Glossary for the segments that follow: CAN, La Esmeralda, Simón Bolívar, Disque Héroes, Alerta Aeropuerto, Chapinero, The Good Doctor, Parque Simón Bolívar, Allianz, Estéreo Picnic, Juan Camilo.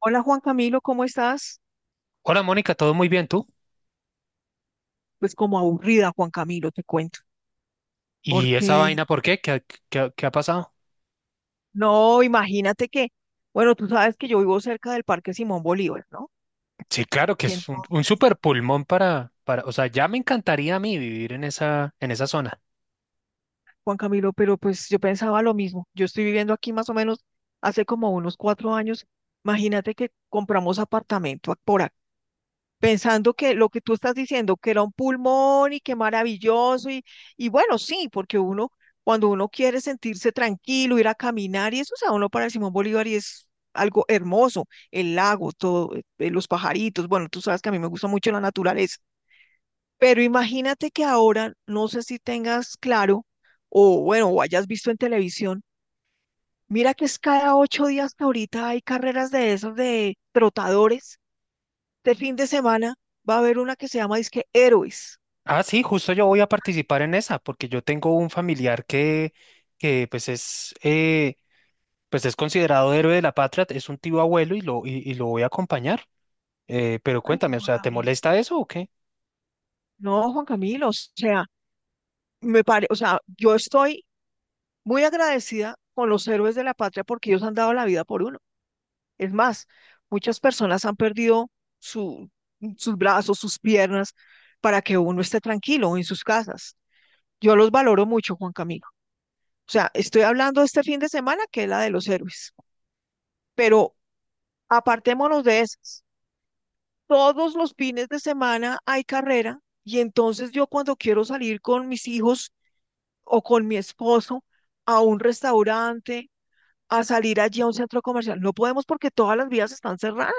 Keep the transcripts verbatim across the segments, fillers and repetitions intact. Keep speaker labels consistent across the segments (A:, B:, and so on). A: Hola Juan Camilo, ¿cómo estás?
B: Hola Mónica, todo muy bien, ¿tú?
A: Pues como aburrida, Juan Camilo, te cuento,
B: ¿Y esa
A: porque
B: vaina por qué? ¿Qué ha qué qué ha pasado?
A: no, imagínate que, bueno, tú sabes que yo vivo cerca del Parque Simón Bolívar, ¿no?
B: Sí, claro que
A: Y
B: es un, un
A: entonces,
B: super pulmón para, para, o sea, ya me encantaría a mí vivir en esa, en esa zona.
A: Juan Camilo, pero pues yo pensaba lo mismo, yo estoy viviendo aquí más o menos hace como unos cuatro años, imagínate que compramos apartamento a- por pensando que lo que tú estás diciendo, que era un pulmón y que maravilloso, y, y bueno, sí, porque uno, cuando uno quiere sentirse tranquilo, ir a caminar, y eso, o sea, uno para Simón Bolívar y es algo hermoso, el lago, todo, eh, eh, los pajaritos, bueno, tú sabes que a mí me gusta mucho la naturaleza, pero imagínate que ahora, no sé si tengas claro, o bueno, o hayas visto en televisión, mira que es cada ocho días que ahorita hay carreras de esos de trotadores este fin de semana va a haber una que se llama Disque Héroes.
B: Ah, sí, justo yo voy a participar en esa, porque yo tengo un familiar que, que pues es, eh, pues es considerado héroe de la patria, es un tío abuelo y lo, y, y lo voy a acompañar. Eh, pero
A: Ay,
B: cuéntame, o
A: Juan
B: sea, ¿te
A: Camilo.
B: molesta eso o qué?
A: No, Juan Camilo, o sea, me pare, o sea, yo estoy muy agradecida con los héroes de la patria porque ellos han dado la vida por uno. Es más, muchas personas han perdido su, sus brazos, sus piernas, para que uno esté tranquilo en sus casas. Yo los valoro mucho, Juan Camilo. O sea, estoy hablando este fin de semana que es la de los héroes, pero apartémonos de esas. Todos los fines de semana hay carrera y entonces yo cuando quiero salir con mis hijos o con mi esposo a un restaurante, a salir allí a un centro comercial, no podemos porque todas las vías están cerradas.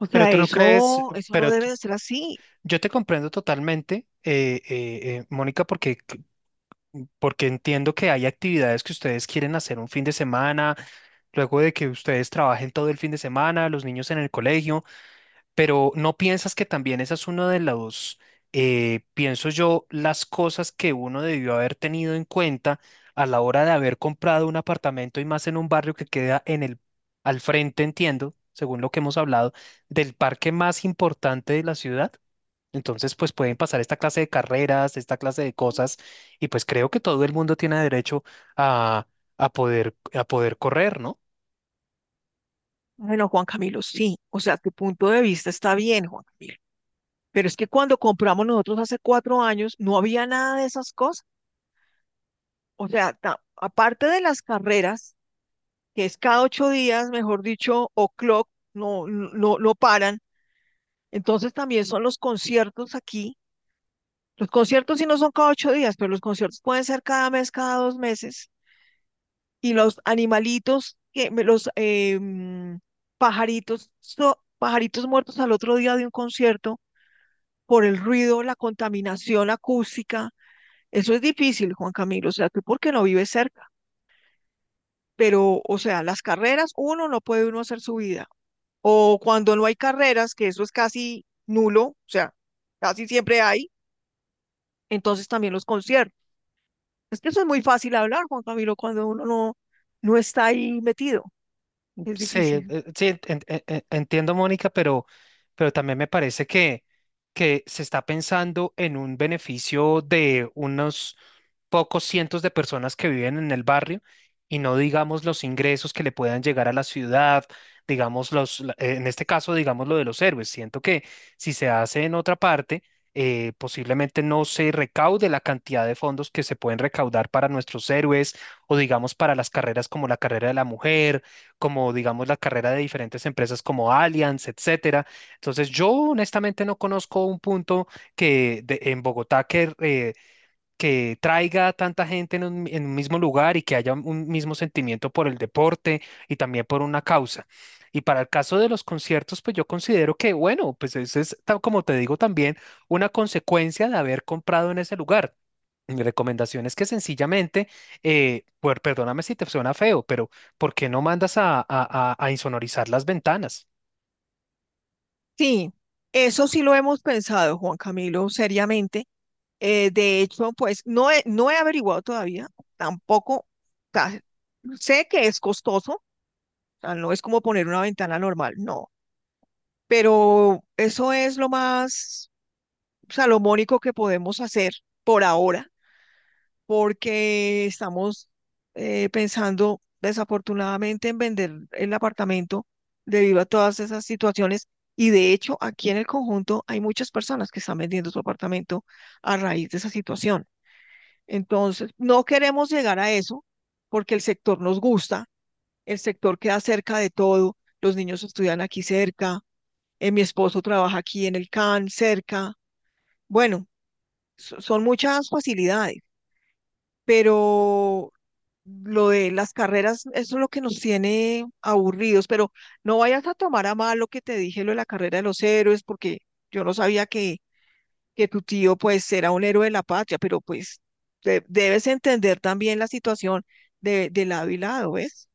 A: O
B: Pero
A: sea,
B: tú no crees,
A: eso, eso no
B: pero
A: debe
B: tú-
A: de ser así.
B: yo te comprendo totalmente, eh, eh, eh, Mónica, porque porque entiendo que hay actividades que ustedes quieren hacer un fin de semana, luego de que ustedes trabajen todo el fin de semana, los niños en el colegio, pero ¿no piensas que también esa es una de las eh, pienso yo, las cosas que uno debió haber tenido en cuenta a la hora de haber comprado un apartamento y más en un barrio que queda en el, al frente, entiendo, según lo que hemos hablado, del parque más importante de la ciudad? Entonces, pues pueden pasar esta clase de carreras, esta clase de cosas, y pues creo que todo el mundo tiene derecho a, a poder, a poder correr, ¿no?
A: Bueno, Juan Camilo, sí, o sea, tu punto de vista está bien, Juan Camilo, pero es que cuando compramos nosotros hace cuatro años no había nada de esas cosas. O sea, ta- aparte de las carreras, que es cada ocho días, mejor dicho, o clock, no, no, no no paran. Entonces también son los conciertos aquí. Los conciertos sí no son cada ocho días, pero los conciertos pueden ser cada mes, cada dos meses. Y los animalitos, que, me- los eh, mm, pajaritos, so- pajaritos muertos al otro día de un concierto por el ruido, la contaminación acústica. Eso es difícil, Juan Camilo. O sea, tú por qué no vives cerca. Pero, o sea, las carreras, uno no puede uno hacer su vida. O cuando no hay carreras, que eso es casi nulo, o sea, casi siempre hay, entonces también los conciertos. Es que eso es muy fácil hablar, Juan Camilo, cuando uno no, no está ahí metido, es
B: Sí, eh,
A: difícil.
B: eh, sí, en- en- en- en- entiendo, Mónica, pero, pero también me parece que, que se está pensando en un beneficio de unos pocos cientos de personas que viven en el barrio y no digamos los ingresos que le puedan llegar a la ciudad, digamos los, la- eh, en este caso, digamos lo de los héroes. Siento que si se hace en otra parte, eh, posiblemente no se recaude la cantidad de fondos que se pueden recaudar para nuestros héroes o digamos para las carreras como la carrera de la mujer, como digamos la carrera de diferentes empresas como Allianz, etcétera. Entonces, yo honestamente no conozco un punto que de- en Bogotá que eh, que traiga a tanta gente en un, en un mismo lugar y que haya un mismo sentimiento por el deporte y también por una causa. Y para el caso de los conciertos, pues yo considero que, bueno, pues eso es, tal como te digo, también una consecuencia de haber comprado en ese lugar. Mi recomendación es que sencillamente, eh, pues, perdóname si te suena feo, pero ¿por qué no mandas a, a a- a insonorizar las ventanas?
A: Sí, eso sí lo hemos pensado, Juan Camilo, seriamente. Eh, de hecho, pues no he, no he averiguado todavía, tampoco, o sea, sé que es costoso, o sea, no es como poner una ventana normal, no, pero eso es lo más salomónico que podemos hacer por ahora, porque estamos eh, pensando desafortunadamente en vender el apartamento debido a todas esas situaciones. Y de hecho, aquí en el conjunto hay muchas personas que están vendiendo su apartamento a raíz de esa situación. Entonces, no queremos llegar a eso porque el sector nos gusta, el sector queda cerca de todo, los niños estudian aquí cerca, eh, mi esposo trabaja aquí en el C A N, cerca. Bueno, so- son muchas facilidades, pero lo de las carreras, eso es lo que nos tiene aburridos, pero no vayas a tomar a mal lo que te dije, lo de la carrera de los héroes, porque yo no sabía que, que tu tío pues era un héroe de la patria, pero pues de- debes entender también la situación de, de lado y lado, ¿ves?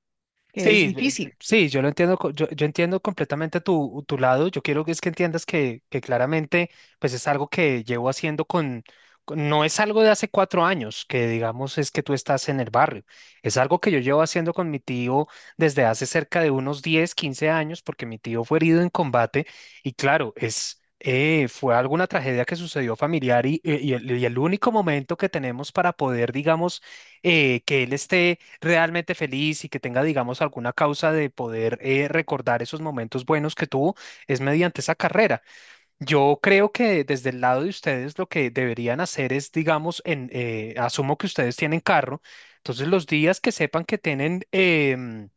A: Que es
B: Sí, yo- yo-
A: difícil.
B: sí, yo lo entiendo, co- yo, yo entiendo completamente tu, tu lado. Yo quiero que es que entiendas que, que claramente, pues es algo que llevo haciendo con, con- no es algo de hace cuatro años, que digamos es que tú estás en el barrio. Es algo que yo llevo haciendo con mi tío desde hace cerca de unos diez, quince años, porque mi tío fue herido en combate y claro, es eh, fue alguna tragedia que sucedió familiar y, y- y el, y el único momento que tenemos para poder, digamos, eh, que él esté realmente feliz y que tenga, digamos, alguna causa de poder eh, recordar esos momentos buenos que tuvo, es mediante esa carrera. Yo creo que desde el lado de ustedes lo que deberían hacer es, digamos, en, eh, asumo que ustedes tienen carro, entonces los días que sepan que tienen em,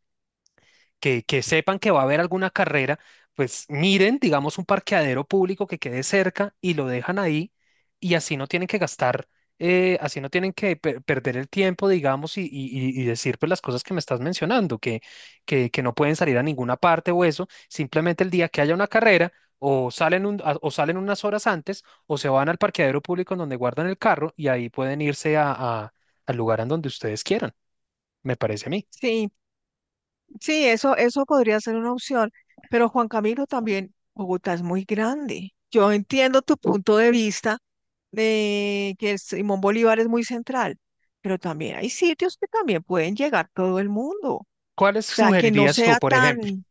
B: que, que sepan que va a haber alguna carrera, pues miren, digamos, un parqueadero público que quede cerca y lo dejan ahí y así no tienen que gastar, eh, así no tienen que per- perder el tiempo, digamos, y, y- y- y decir pues las cosas que me estás mencionando, que, que, que no pueden salir a ninguna parte o eso, simplemente el día que haya una carrera. O salen, un- a- o salen unas horas antes, o se van al parqueadero público en donde guardan el carro y ahí pueden irse a- a- al lugar en donde ustedes quieran, me parece a mí.
A: Sí, sí, eso, eso podría ser una opción, pero Juan Camilo también, Bogotá es muy grande. Yo entiendo tu punto de vista de que el Simón Bolívar es muy central, pero también hay sitios que también pueden llegar todo el mundo. O
B: ¿Cuáles
A: sea, que no
B: sugerirías tú,
A: sea
B: por ejemplo?
A: tan,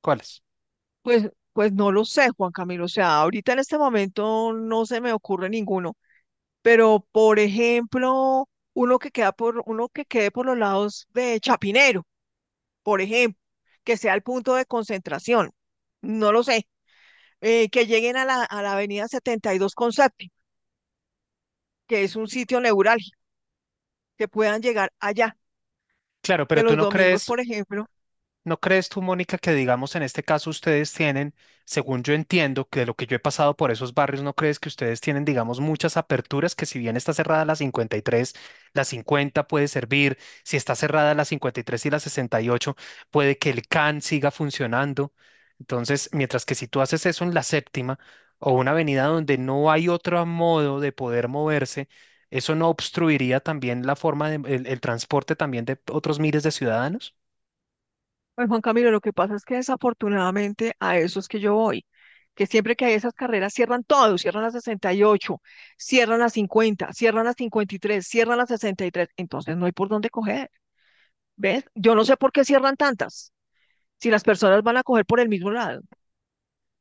B: ¿Cuáles?
A: pues, pues no lo sé, Juan Camilo. O sea, ahorita en este momento no se me ocurre ninguno, pero por ejemplo, uno que queda por, uno que quede por los lados de Chapinero. Por ejemplo, que sea el punto de concentración, no lo sé, eh, que lleguen a la, a la avenida setenta y dos con Sati, que es un sitio neurálgico, que puedan llegar allá,
B: Claro,
A: que
B: pero tú
A: los
B: no
A: domingos,
B: crees,
A: por ejemplo,
B: ¿no crees tú, Mónica, que digamos en este caso ustedes tienen, según yo entiendo, que de lo que yo he pasado por esos barrios, ¿no crees que ustedes tienen, digamos, muchas aperturas que si bien está cerrada la cincuenta y tres, la cincuenta puede servir, si está cerrada la cincuenta y tres y tres y la sesenta y ocho, puede que el CAN siga funcionando? Entonces, mientras que si tú haces eso en la séptima o una avenida donde no hay otro modo de poder moverse, ¿eso no obstruiría también la forma de, el el transporte también de otros miles de ciudadanos?
A: pues Juan Camilo, lo que pasa es que desafortunadamente a esos que yo voy, que siempre que hay esas carreras cierran todo, cierran las sesenta y ocho, cierran las cincuenta, cierran las cincuenta y tres, cierran las sesenta y tres. Entonces no hay por dónde coger, ¿ves? Yo no sé por qué cierran tantas, si las personas van a coger por el mismo lado.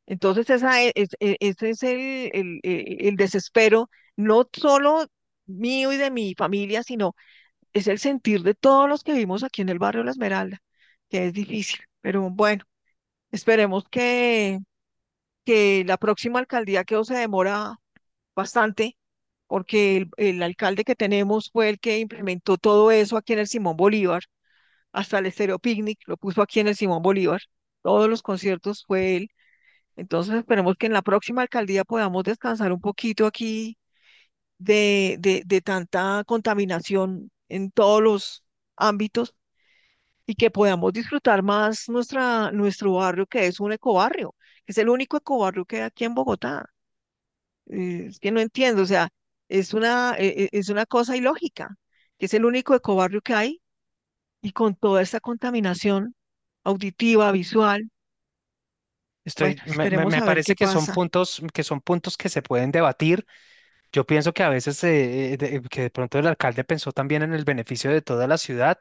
A: Entonces, esa e- es- e- ese es el, el- el- el desespero, no solo mío y de mi familia, sino es el sentir de todos los que vivimos aquí en el barrio La Esmeralda, que es difícil. Pero bueno, esperemos que, que la próxima alcaldía, que se demora bastante, porque el, el alcalde que tenemos fue el que implementó todo eso aquí en el Simón Bolívar, hasta el Estéreo Picnic lo puso aquí en el Simón Bolívar, todos los conciertos fue él. Entonces esperemos que en la próxima alcaldía podamos descansar un poquito aquí de, de, de tanta contaminación en todos los ámbitos y que podamos disfrutar más nuestra, nuestro barrio, que es un ecobarrio, que es el único ecobarrio que hay aquí en Bogotá. Eh, Es que no entiendo, o sea, es una, eh, eh, es una cosa ilógica, que es el único ecobarrio que hay y con toda esta contaminación auditiva, visual,
B: Estoy,
A: bueno,
B: me, me-
A: esperemos
B: me
A: a ver
B: parece
A: qué
B: que son
A: pasa.
B: puntos que son puntos que se pueden debatir. Yo pienso que a veces eh, eh, de- que de pronto el alcalde pensó también en el beneficio de toda la ciudad,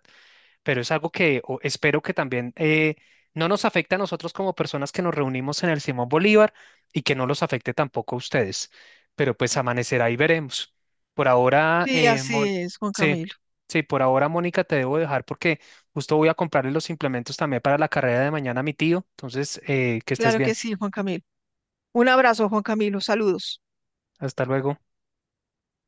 B: pero es algo que o- espero que también eh, no nos afecte a nosotros como personas que nos reunimos en el Simón Bolívar y que no los afecte tampoco a ustedes. Pero pues amanecerá y veremos. Por ahora,
A: Sí,
B: eh,
A: así
B: Mon-
A: es, Juan
B: sí,
A: Camilo.
B: sí, por ahora, Mónica, te debo dejar porque justo voy a comprarle los implementos también para la carrera de mañana a mi tío. Entonces, eh, que estés
A: Claro que
B: bien.
A: sí, Juan Camilo. Un abrazo, Juan Camilo. Saludos.
B: Hasta luego.